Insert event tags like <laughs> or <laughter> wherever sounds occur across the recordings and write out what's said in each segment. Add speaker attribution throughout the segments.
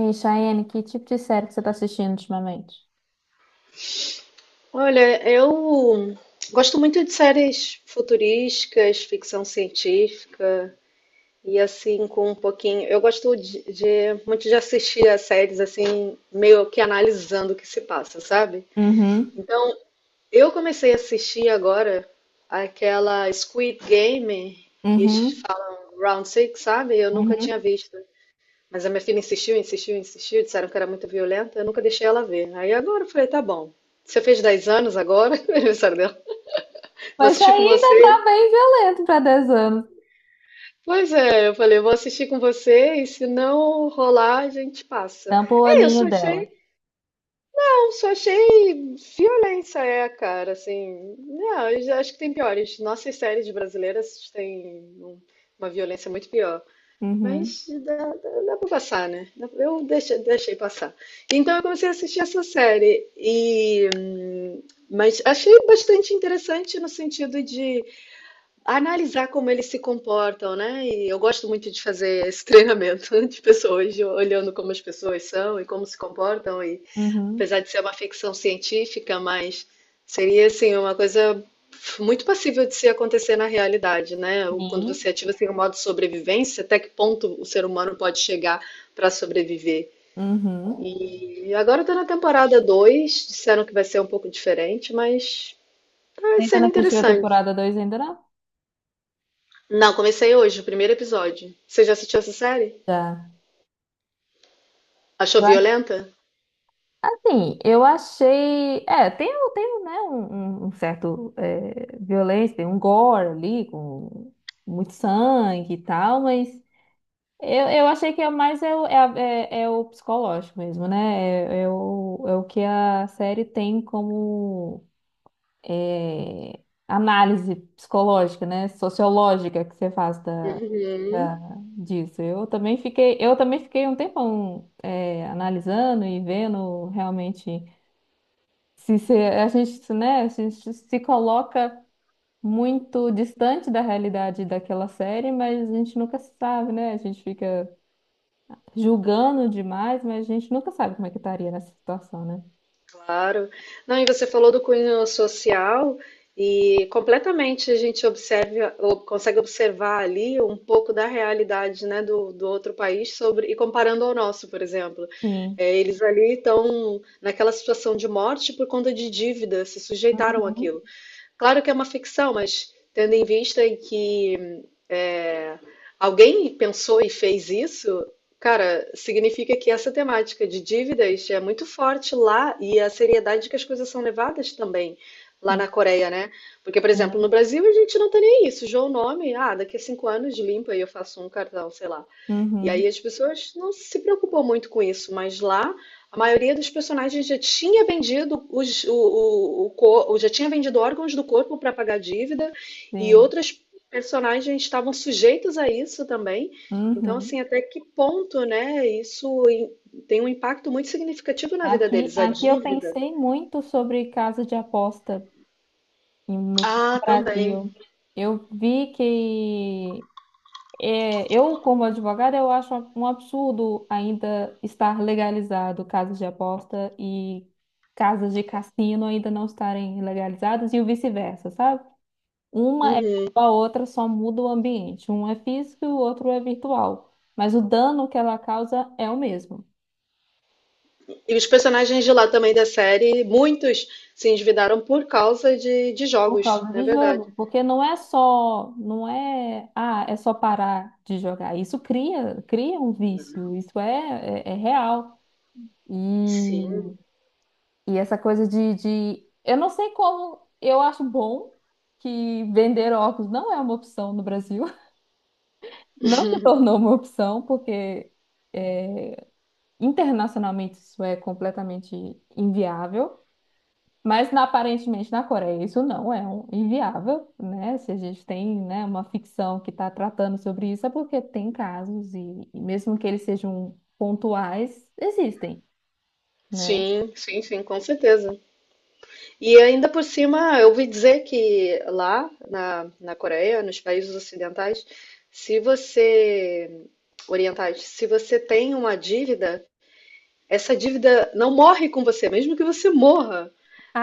Speaker 1: E Cheyenne, que tipo de série que você tá assistindo ultimamente?
Speaker 2: Olha, eu gosto muito de séries futurísticas, ficção científica e assim com um pouquinho. Eu gosto muito de assistir a séries assim, meio que analisando o que se passa, sabe?
Speaker 1: Uhum,
Speaker 2: Então, eu comecei a assistir agora aquela Squid Game que
Speaker 1: uhum,
Speaker 2: falam Round Six, sabe? Eu nunca tinha
Speaker 1: uhum,
Speaker 2: visto. Mas a minha filha insistiu, insistiu, insistiu, disseram que era muito violenta, eu nunca deixei ela ver. Aí agora eu falei, tá bom. Você fez 10 anos agora, <laughs> aniversário. Vou
Speaker 1: mas
Speaker 2: assistir com
Speaker 1: ainda tá
Speaker 2: você.
Speaker 1: bem violento pra 10 anos.
Speaker 2: Pois é, eu falei, eu vou assistir com você e se não rolar, a gente passa.
Speaker 1: Tampa o
Speaker 2: É, eu
Speaker 1: olhinho
Speaker 2: só
Speaker 1: dela.
Speaker 2: achei, não, só achei violência, é, cara, assim. Não, eu já acho que tem piores. Nossas séries brasileiras têm um- uma violência muito pior.
Speaker 1: Uhum,
Speaker 2: Mas dá, dá, dá pra passar, né? Eu deixei, deixei passar. Então eu comecei a assistir essa série e, mas achei bastante interessante no sentido de analisar como eles se comportam, né? E eu gosto muito de fazer esse treinamento <laughs> de pessoas, olhando como as pessoas são e como se comportam. E
Speaker 1: uhum,
Speaker 2: apesar de ser uma ficção científica, mas seria assim uma coisa muito passível de se acontecer na realidade, né? Quando
Speaker 1: e
Speaker 2: você ativa assim o modo sobrevivência, até que ponto o ser humano pode chegar para sobreviver?
Speaker 1: uhum.
Speaker 2: E agora eu tô na temporada 2, disseram que vai ser um pouco diferente, mas tá
Speaker 1: Você ainda não
Speaker 2: sendo
Speaker 1: assistiu a
Speaker 2: interessante.
Speaker 1: temporada 2 ainda não?
Speaker 2: Não, comecei hoje, o primeiro episódio. Você já assistiu essa série?
Speaker 1: Já.
Speaker 2: Achou violenta?
Speaker 1: Assim, eu achei. É, tem, tem um, né, um, um certo violência, tem um gore ali, com muito sangue e tal, mas eu achei que é mais é o, é, é o psicológico mesmo, né? É, é o, é o que a série tem como é, análise psicológica, né? Sociológica que você faz da,
Speaker 2: Uhum,
Speaker 1: da- disso. Eu também fiquei um tempão analisando e vendo realmente se a gente, né? A gente se coloca muito distante da realidade daquela série, mas a gente nunca sabe, né? A gente fica julgando demais, mas a gente nunca sabe como é que estaria nessa situação, né?
Speaker 2: claro. Não, e você falou do cunho social e completamente a gente observa, ou consegue observar ali um pouco da realidade, né, do, do outro país sobre e comparando ao nosso, por exemplo.
Speaker 1: Sim.
Speaker 2: É, eles ali estão naquela situação de morte por conta de dívida, se sujeitaram
Speaker 1: Uhum.
Speaker 2: àquilo. Claro que é uma ficção, mas tendo em vista em que é, alguém pensou e fez isso, cara, significa que essa temática de dívidas é muito forte lá e a seriedade que as coisas são levadas também lá
Speaker 1: Sim.
Speaker 2: na Coreia, né? Porque, por exemplo, no
Speaker 1: Sim.
Speaker 2: Brasil a gente não tem nem isso. João Nome, ah, daqui a 5 anos limpa e eu faço um cartão, sei lá. E aí
Speaker 1: Uhum.
Speaker 2: as pessoas não se preocupam muito com isso, mas lá a maioria dos personagens já tinha vendido os, o cor- já tinha vendido órgãos do corpo para pagar dívida e
Speaker 1: Sim.
Speaker 2: outras personagens estavam sujeitos a isso também. Então,
Speaker 1: Uhum.
Speaker 2: assim, até que ponto, né? Isso tem um impacto muito significativo na vida
Speaker 1: Aqui,
Speaker 2: deles, a
Speaker 1: aqui eu
Speaker 2: dívida.
Speaker 1: pensei muito sobre casa de aposta no
Speaker 2: Ah, também.
Speaker 1: Brasil. Eu vi que eu, como advogada, eu acho um absurdo ainda estar legalizado casas de aposta e casas de cassino ainda não estarem legalizadas e o vice-versa, sabe? Uma é
Speaker 2: Uhum.
Speaker 1: igual a outra, só muda o ambiente. Um é físico e o outro é virtual. Mas o dano que ela causa é o mesmo,
Speaker 2: E os personagens de lá também da série, muitos se endividaram por causa de
Speaker 1: por
Speaker 2: jogos,
Speaker 1: causa
Speaker 2: não é
Speaker 1: do jogo.
Speaker 2: verdade?
Speaker 1: Porque não é só, não é, ah, é só parar de jogar. Isso cria um vício, isso é real. E,
Speaker 2: Sim,
Speaker 1: e essa coisa eu não sei como, eu acho bom que vender óculos não é uma opção no Brasil. <laughs> Não se tornou uma opção, porque é, internacionalmente isso é completamente inviável, mas aparentemente na Coreia isso não é inviável, né? Se a gente tem, né, uma ficção que está tratando sobre isso, é porque tem casos e mesmo que eles sejam pontuais, existem, né?
Speaker 2: sim, sim, sim, com certeza. E ainda por cima, eu ouvi dizer que lá na, na Coreia, nos países ocidentais, se você, orientais, se você tem uma dívida, essa dívida não morre com você, mesmo que você morra.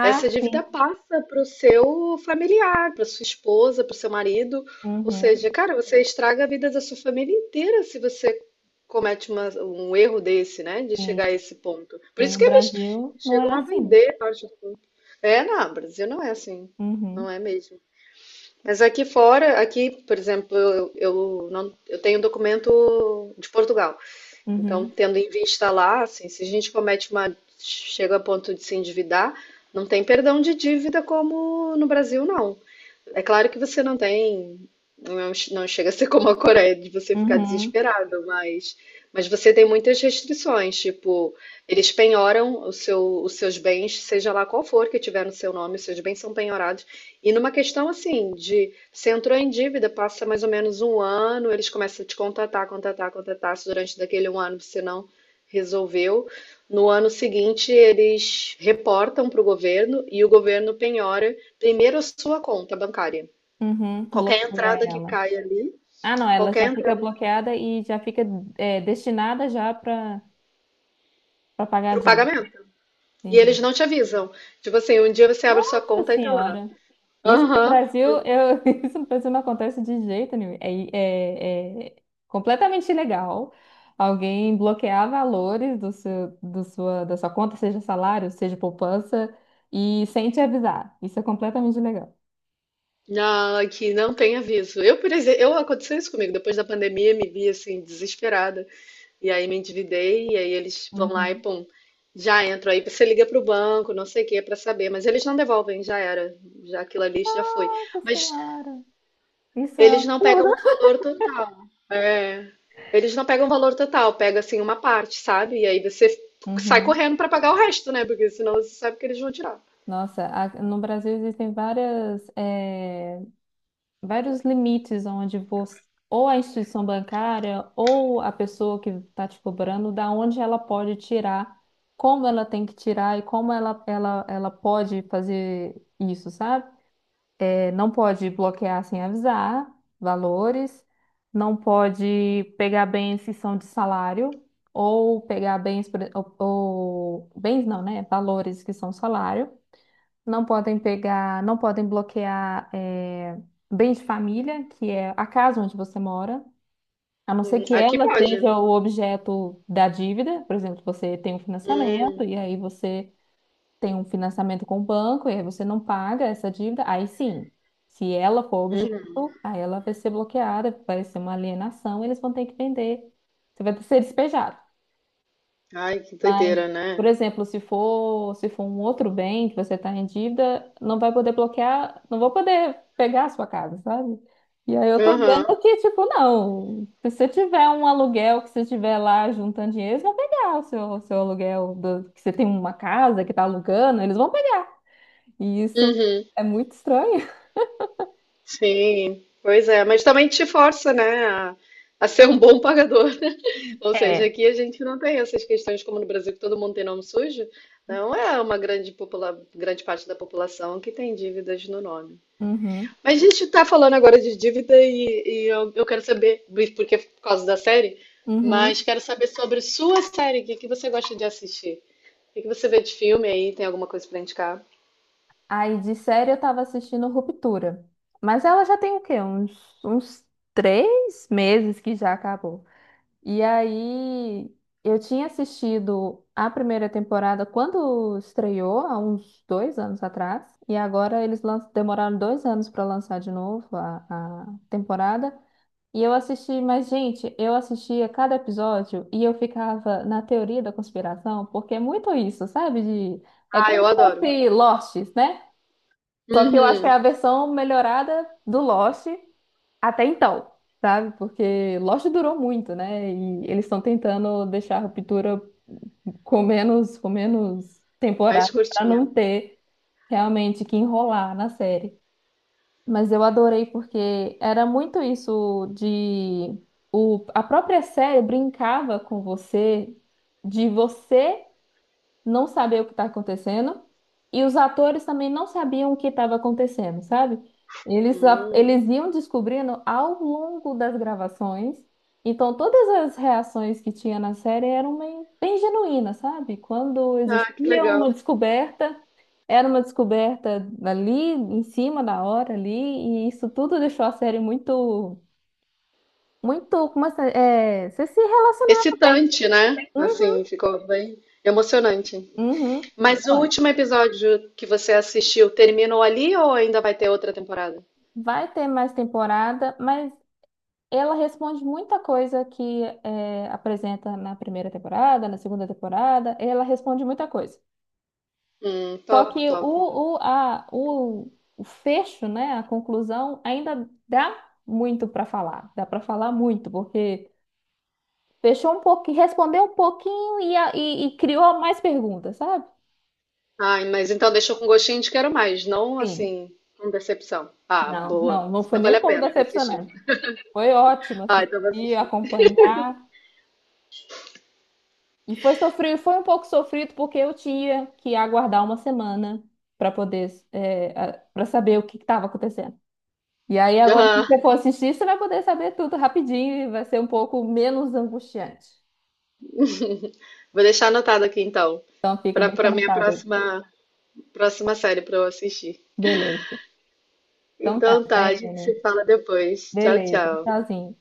Speaker 2: Essa dívida
Speaker 1: sim.
Speaker 2: passa para o seu familiar, para sua esposa, para o seu marido. Ou seja,
Speaker 1: Uhum,
Speaker 2: cara, você estraga a vida da sua família inteira se você comete um erro desse, né? De chegar a
Speaker 1: sim.
Speaker 2: esse ponto. Por
Speaker 1: E
Speaker 2: isso
Speaker 1: no
Speaker 2: que eles
Speaker 1: Brasil não é
Speaker 2: chegam a
Speaker 1: assim.
Speaker 2: vender parte é, não, Brasil não é assim. Não
Speaker 1: Uhum,
Speaker 2: é mesmo. Mas aqui fora, aqui, por exemplo, eu não, eu tenho documento de Portugal. Então,
Speaker 1: uhum,
Speaker 2: tendo em vista lá, assim, se a gente comete uma, chega a ponto de se endividar, não tem perdão de dívida como no Brasil, não. É claro que você não tem, não, não chega a ser como a Coreia de você ficar
Speaker 1: uhum,
Speaker 2: desesperado, mas você tem muitas restrições, tipo, eles penhoram o seu, os seus bens, seja lá qual for que tiver no seu nome, os seus bens são penhorados. E numa questão assim, de você entrou em dívida, passa mais ou menos um ano, eles começam a te contatar, contatar, contatar, se durante daquele um ano você não resolveu. No ano seguinte, eles reportam para o governo e o governo penhora primeiro a sua conta bancária.
Speaker 1: uhum.
Speaker 2: Qualquer
Speaker 1: Bloqueia
Speaker 2: entrada que
Speaker 1: ela.
Speaker 2: cai ali,
Speaker 1: Ah, não, ela
Speaker 2: qualquer
Speaker 1: já fica
Speaker 2: entrada
Speaker 1: bloqueada e já fica destinada já para para pagar
Speaker 2: para
Speaker 1: a
Speaker 2: o
Speaker 1: dívida.
Speaker 2: pagamento. E
Speaker 1: Entendi.
Speaker 2: eles não te avisam. Tipo assim, um dia você abre sua
Speaker 1: Nossa
Speaker 2: conta e tá lá.
Speaker 1: Senhora! Isso no
Speaker 2: Aham.
Speaker 1: Brasil, eu, <laughs> isso no Brasil não acontece de jeito nenhum. É completamente ilegal. Alguém bloquear valores do seu, do sua, da sua conta, seja salário, seja poupança, e sem te avisar. Isso é completamente ilegal.
Speaker 2: Não, que não tem aviso. Eu, por exemplo, eu aconteceu isso comigo. Depois da pandemia, me vi assim, desesperada. E aí me endividei, e aí eles vão lá e
Speaker 1: Uhum.
Speaker 2: pum, já entro. Aí você liga pro banco, não sei o que, pra saber. Mas eles não devolvem, já era. Já aquilo ali já foi.
Speaker 1: Nossa
Speaker 2: Mas
Speaker 1: Senhora! Isso é um
Speaker 2: eles não pegam
Speaker 1: absurdo.
Speaker 2: o valor total. É. Eles não pegam o valor total, pega assim uma parte, sabe? E aí você sai
Speaker 1: Uhum.
Speaker 2: correndo pra pagar o resto, né? Porque senão você sabe que eles vão tirar.
Speaker 1: Nossa, no Brasil existem várias. Vários limites onde você, ou a instituição bancária ou a pessoa que está te cobrando, da onde ela pode tirar, como ela tem que tirar e como ela pode fazer isso, sabe? É, não pode bloquear sem avisar valores, não pode pegar bens que são de salário. Ou pegar bens, bens não, né? Valores que são salário não podem pegar, não podem bloquear bens de família, que é a casa onde você mora, a não ser que
Speaker 2: Aqui
Speaker 1: ela
Speaker 2: pode.
Speaker 1: seja o objeto da dívida. Por exemplo, você tem um financiamento
Speaker 2: Hum,
Speaker 1: e aí você tem um financiamento com o banco e aí você não paga essa dívida, aí sim, se ela for
Speaker 2: uhum.
Speaker 1: objeto, aí ela vai ser bloqueada, vai ser uma alienação, eles vão ter que vender, você vai ser despejado.
Speaker 2: Ai, que
Speaker 1: Mas,
Speaker 2: doideira,
Speaker 1: por
Speaker 2: né?
Speaker 1: exemplo, se for um outro bem que você está em dívida, não vai poder bloquear, não vou poder pegar a sua casa, sabe? E aí eu tô
Speaker 2: Aham.
Speaker 1: vendo que, tipo, não, se você tiver um aluguel que você tiver lá juntando dinheiro, eles vão pegar o seu, que você tem uma casa que tá alugando, eles vão pegar. E isso
Speaker 2: Uhum.
Speaker 1: é muito estranho.
Speaker 2: Sim. Pois é, mas também te força, né, a ser um bom pagador. <laughs> Ou seja,
Speaker 1: É.
Speaker 2: aqui a gente não tem essas questões como no Brasil, que todo mundo tem nome sujo. Não é uma grande, popula grande parte da população que tem dívidas no nome.
Speaker 1: Uhum,
Speaker 2: Mas a gente tá falando agora de dívida e eu quero saber, porque é por causa da série, mas
Speaker 1: uhum.
Speaker 2: quero saber sobre sua série, o que que você gosta de assistir? O que que você vê de filme aí? Tem alguma coisa pra indicar?
Speaker 1: Aí de série eu tava assistindo Ruptura. Mas ela já tem o quê? Uns 3 meses que já acabou. E aí eu tinha assistido a primeira temporada quando estreou, há uns 2 anos atrás. E agora eles demoraram 2 anos para lançar de novo a temporada. E eu assisti, mas gente, eu assistia cada episódio e eu ficava na teoria da conspiração, porque é muito isso, sabe? De, é
Speaker 2: Ah, eu
Speaker 1: como se
Speaker 2: adoro.
Speaker 1: fosse Lost, né? Só que eu acho que é
Speaker 2: Uhum,
Speaker 1: a versão melhorada do Lost até então, sabe? Porque Lost durou muito, né? E eles estão tentando deixar a Ruptura com menos
Speaker 2: mais
Speaker 1: temporada para não
Speaker 2: curtinha.
Speaker 1: ter realmente que enrolar na série. Mas eu adorei porque era muito isso de a própria série brincava com você, de você não saber o que está acontecendo e os atores também não sabiam o que estava acontecendo, sabe?
Speaker 2: Hum.
Speaker 1: Eles iam descobrindo ao longo das gravações. Então, todas as reações que tinha na série eram bem, bem genuínas, sabe? Quando
Speaker 2: Ah, que
Speaker 1: existia
Speaker 2: legal.
Speaker 1: uma descoberta, era uma descoberta ali, em cima da hora ali, e isso tudo deixou a série muito, muito, como é, que se- é, você se relacionava bem.
Speaker 2: Excitante, né?
Speaker 1: Uhum,
Speaker 2: Assim, ficou bem emocionante.
Speaker 1: uhum. É,
Speaker 2: Mas o
Speaker 1: olha.
Speaker 2: último episódio que você assistiu terminou ali ou ainda vai ter outra temporada?
Speaker 1: Vai ter mais temporada, mas ela responde muita coisa que é, apresenta na primeira temporada, na segunda temporada, ela responde muita coisa. Só
Speaker 2: Top,
Speaker 1: que
Speaker 2: top.
Speaker 1: o, a, o, o fecho, né, a conclusão, ainda dá muito para falar. Dá para falar muito, porque fechou um pouquinho, respondeu um pouquinho e e criou mais perguntas, sabe?
Speaker 2: Ai, mas então deixou com gostinho de quero mais, não
Speaker 1: Sim.
Speaker 2: assim, com decepção. Ah,
Speaker 1: Não,
Speaker 2: boa.
Speaker 1: não, não foi
Speaker 2: Então
Speaker 1: nem um
Speaker 2: vale a
Speaker 1: pouco
Speaker 2: pena, vou assistir.
Speaker 1: decepcionante. Foi ótimo
Speaker 2: Ah, então vou
Speaker 1: assistir,
Speaker 2: assistir.
Speaker 1: acompanhar. E foi sofrido, foi um pouco sofrido porque eu tinha que aguardar uma semana para poder para saber o que estava acontecendo. E aí agora se
Speaker 2: Aham.
Speaker 1: você for assistir, você vai poder saber tudo rapidinho e vai ser um pouco menos angustiante.
Speaker 2: Vou deixar anotado aqui então,
Speaker 1: Então fica,
Speaker 2: para
Speaker 1: deixa
Speaker 2: para minha
Speaker 1: anotado aí.
Speaker 2: próxima próxima série para eu assistir.
Speaker 1: Beleza. Então tá,
Speaker 2: Então tá, a gente
Speaker 1: Taiane.
Speaker 2: se fala depois. Tchau,
Speaker 1: Beleza.
Speaker 2: tchau.
Speaker 1: Tchauzinho.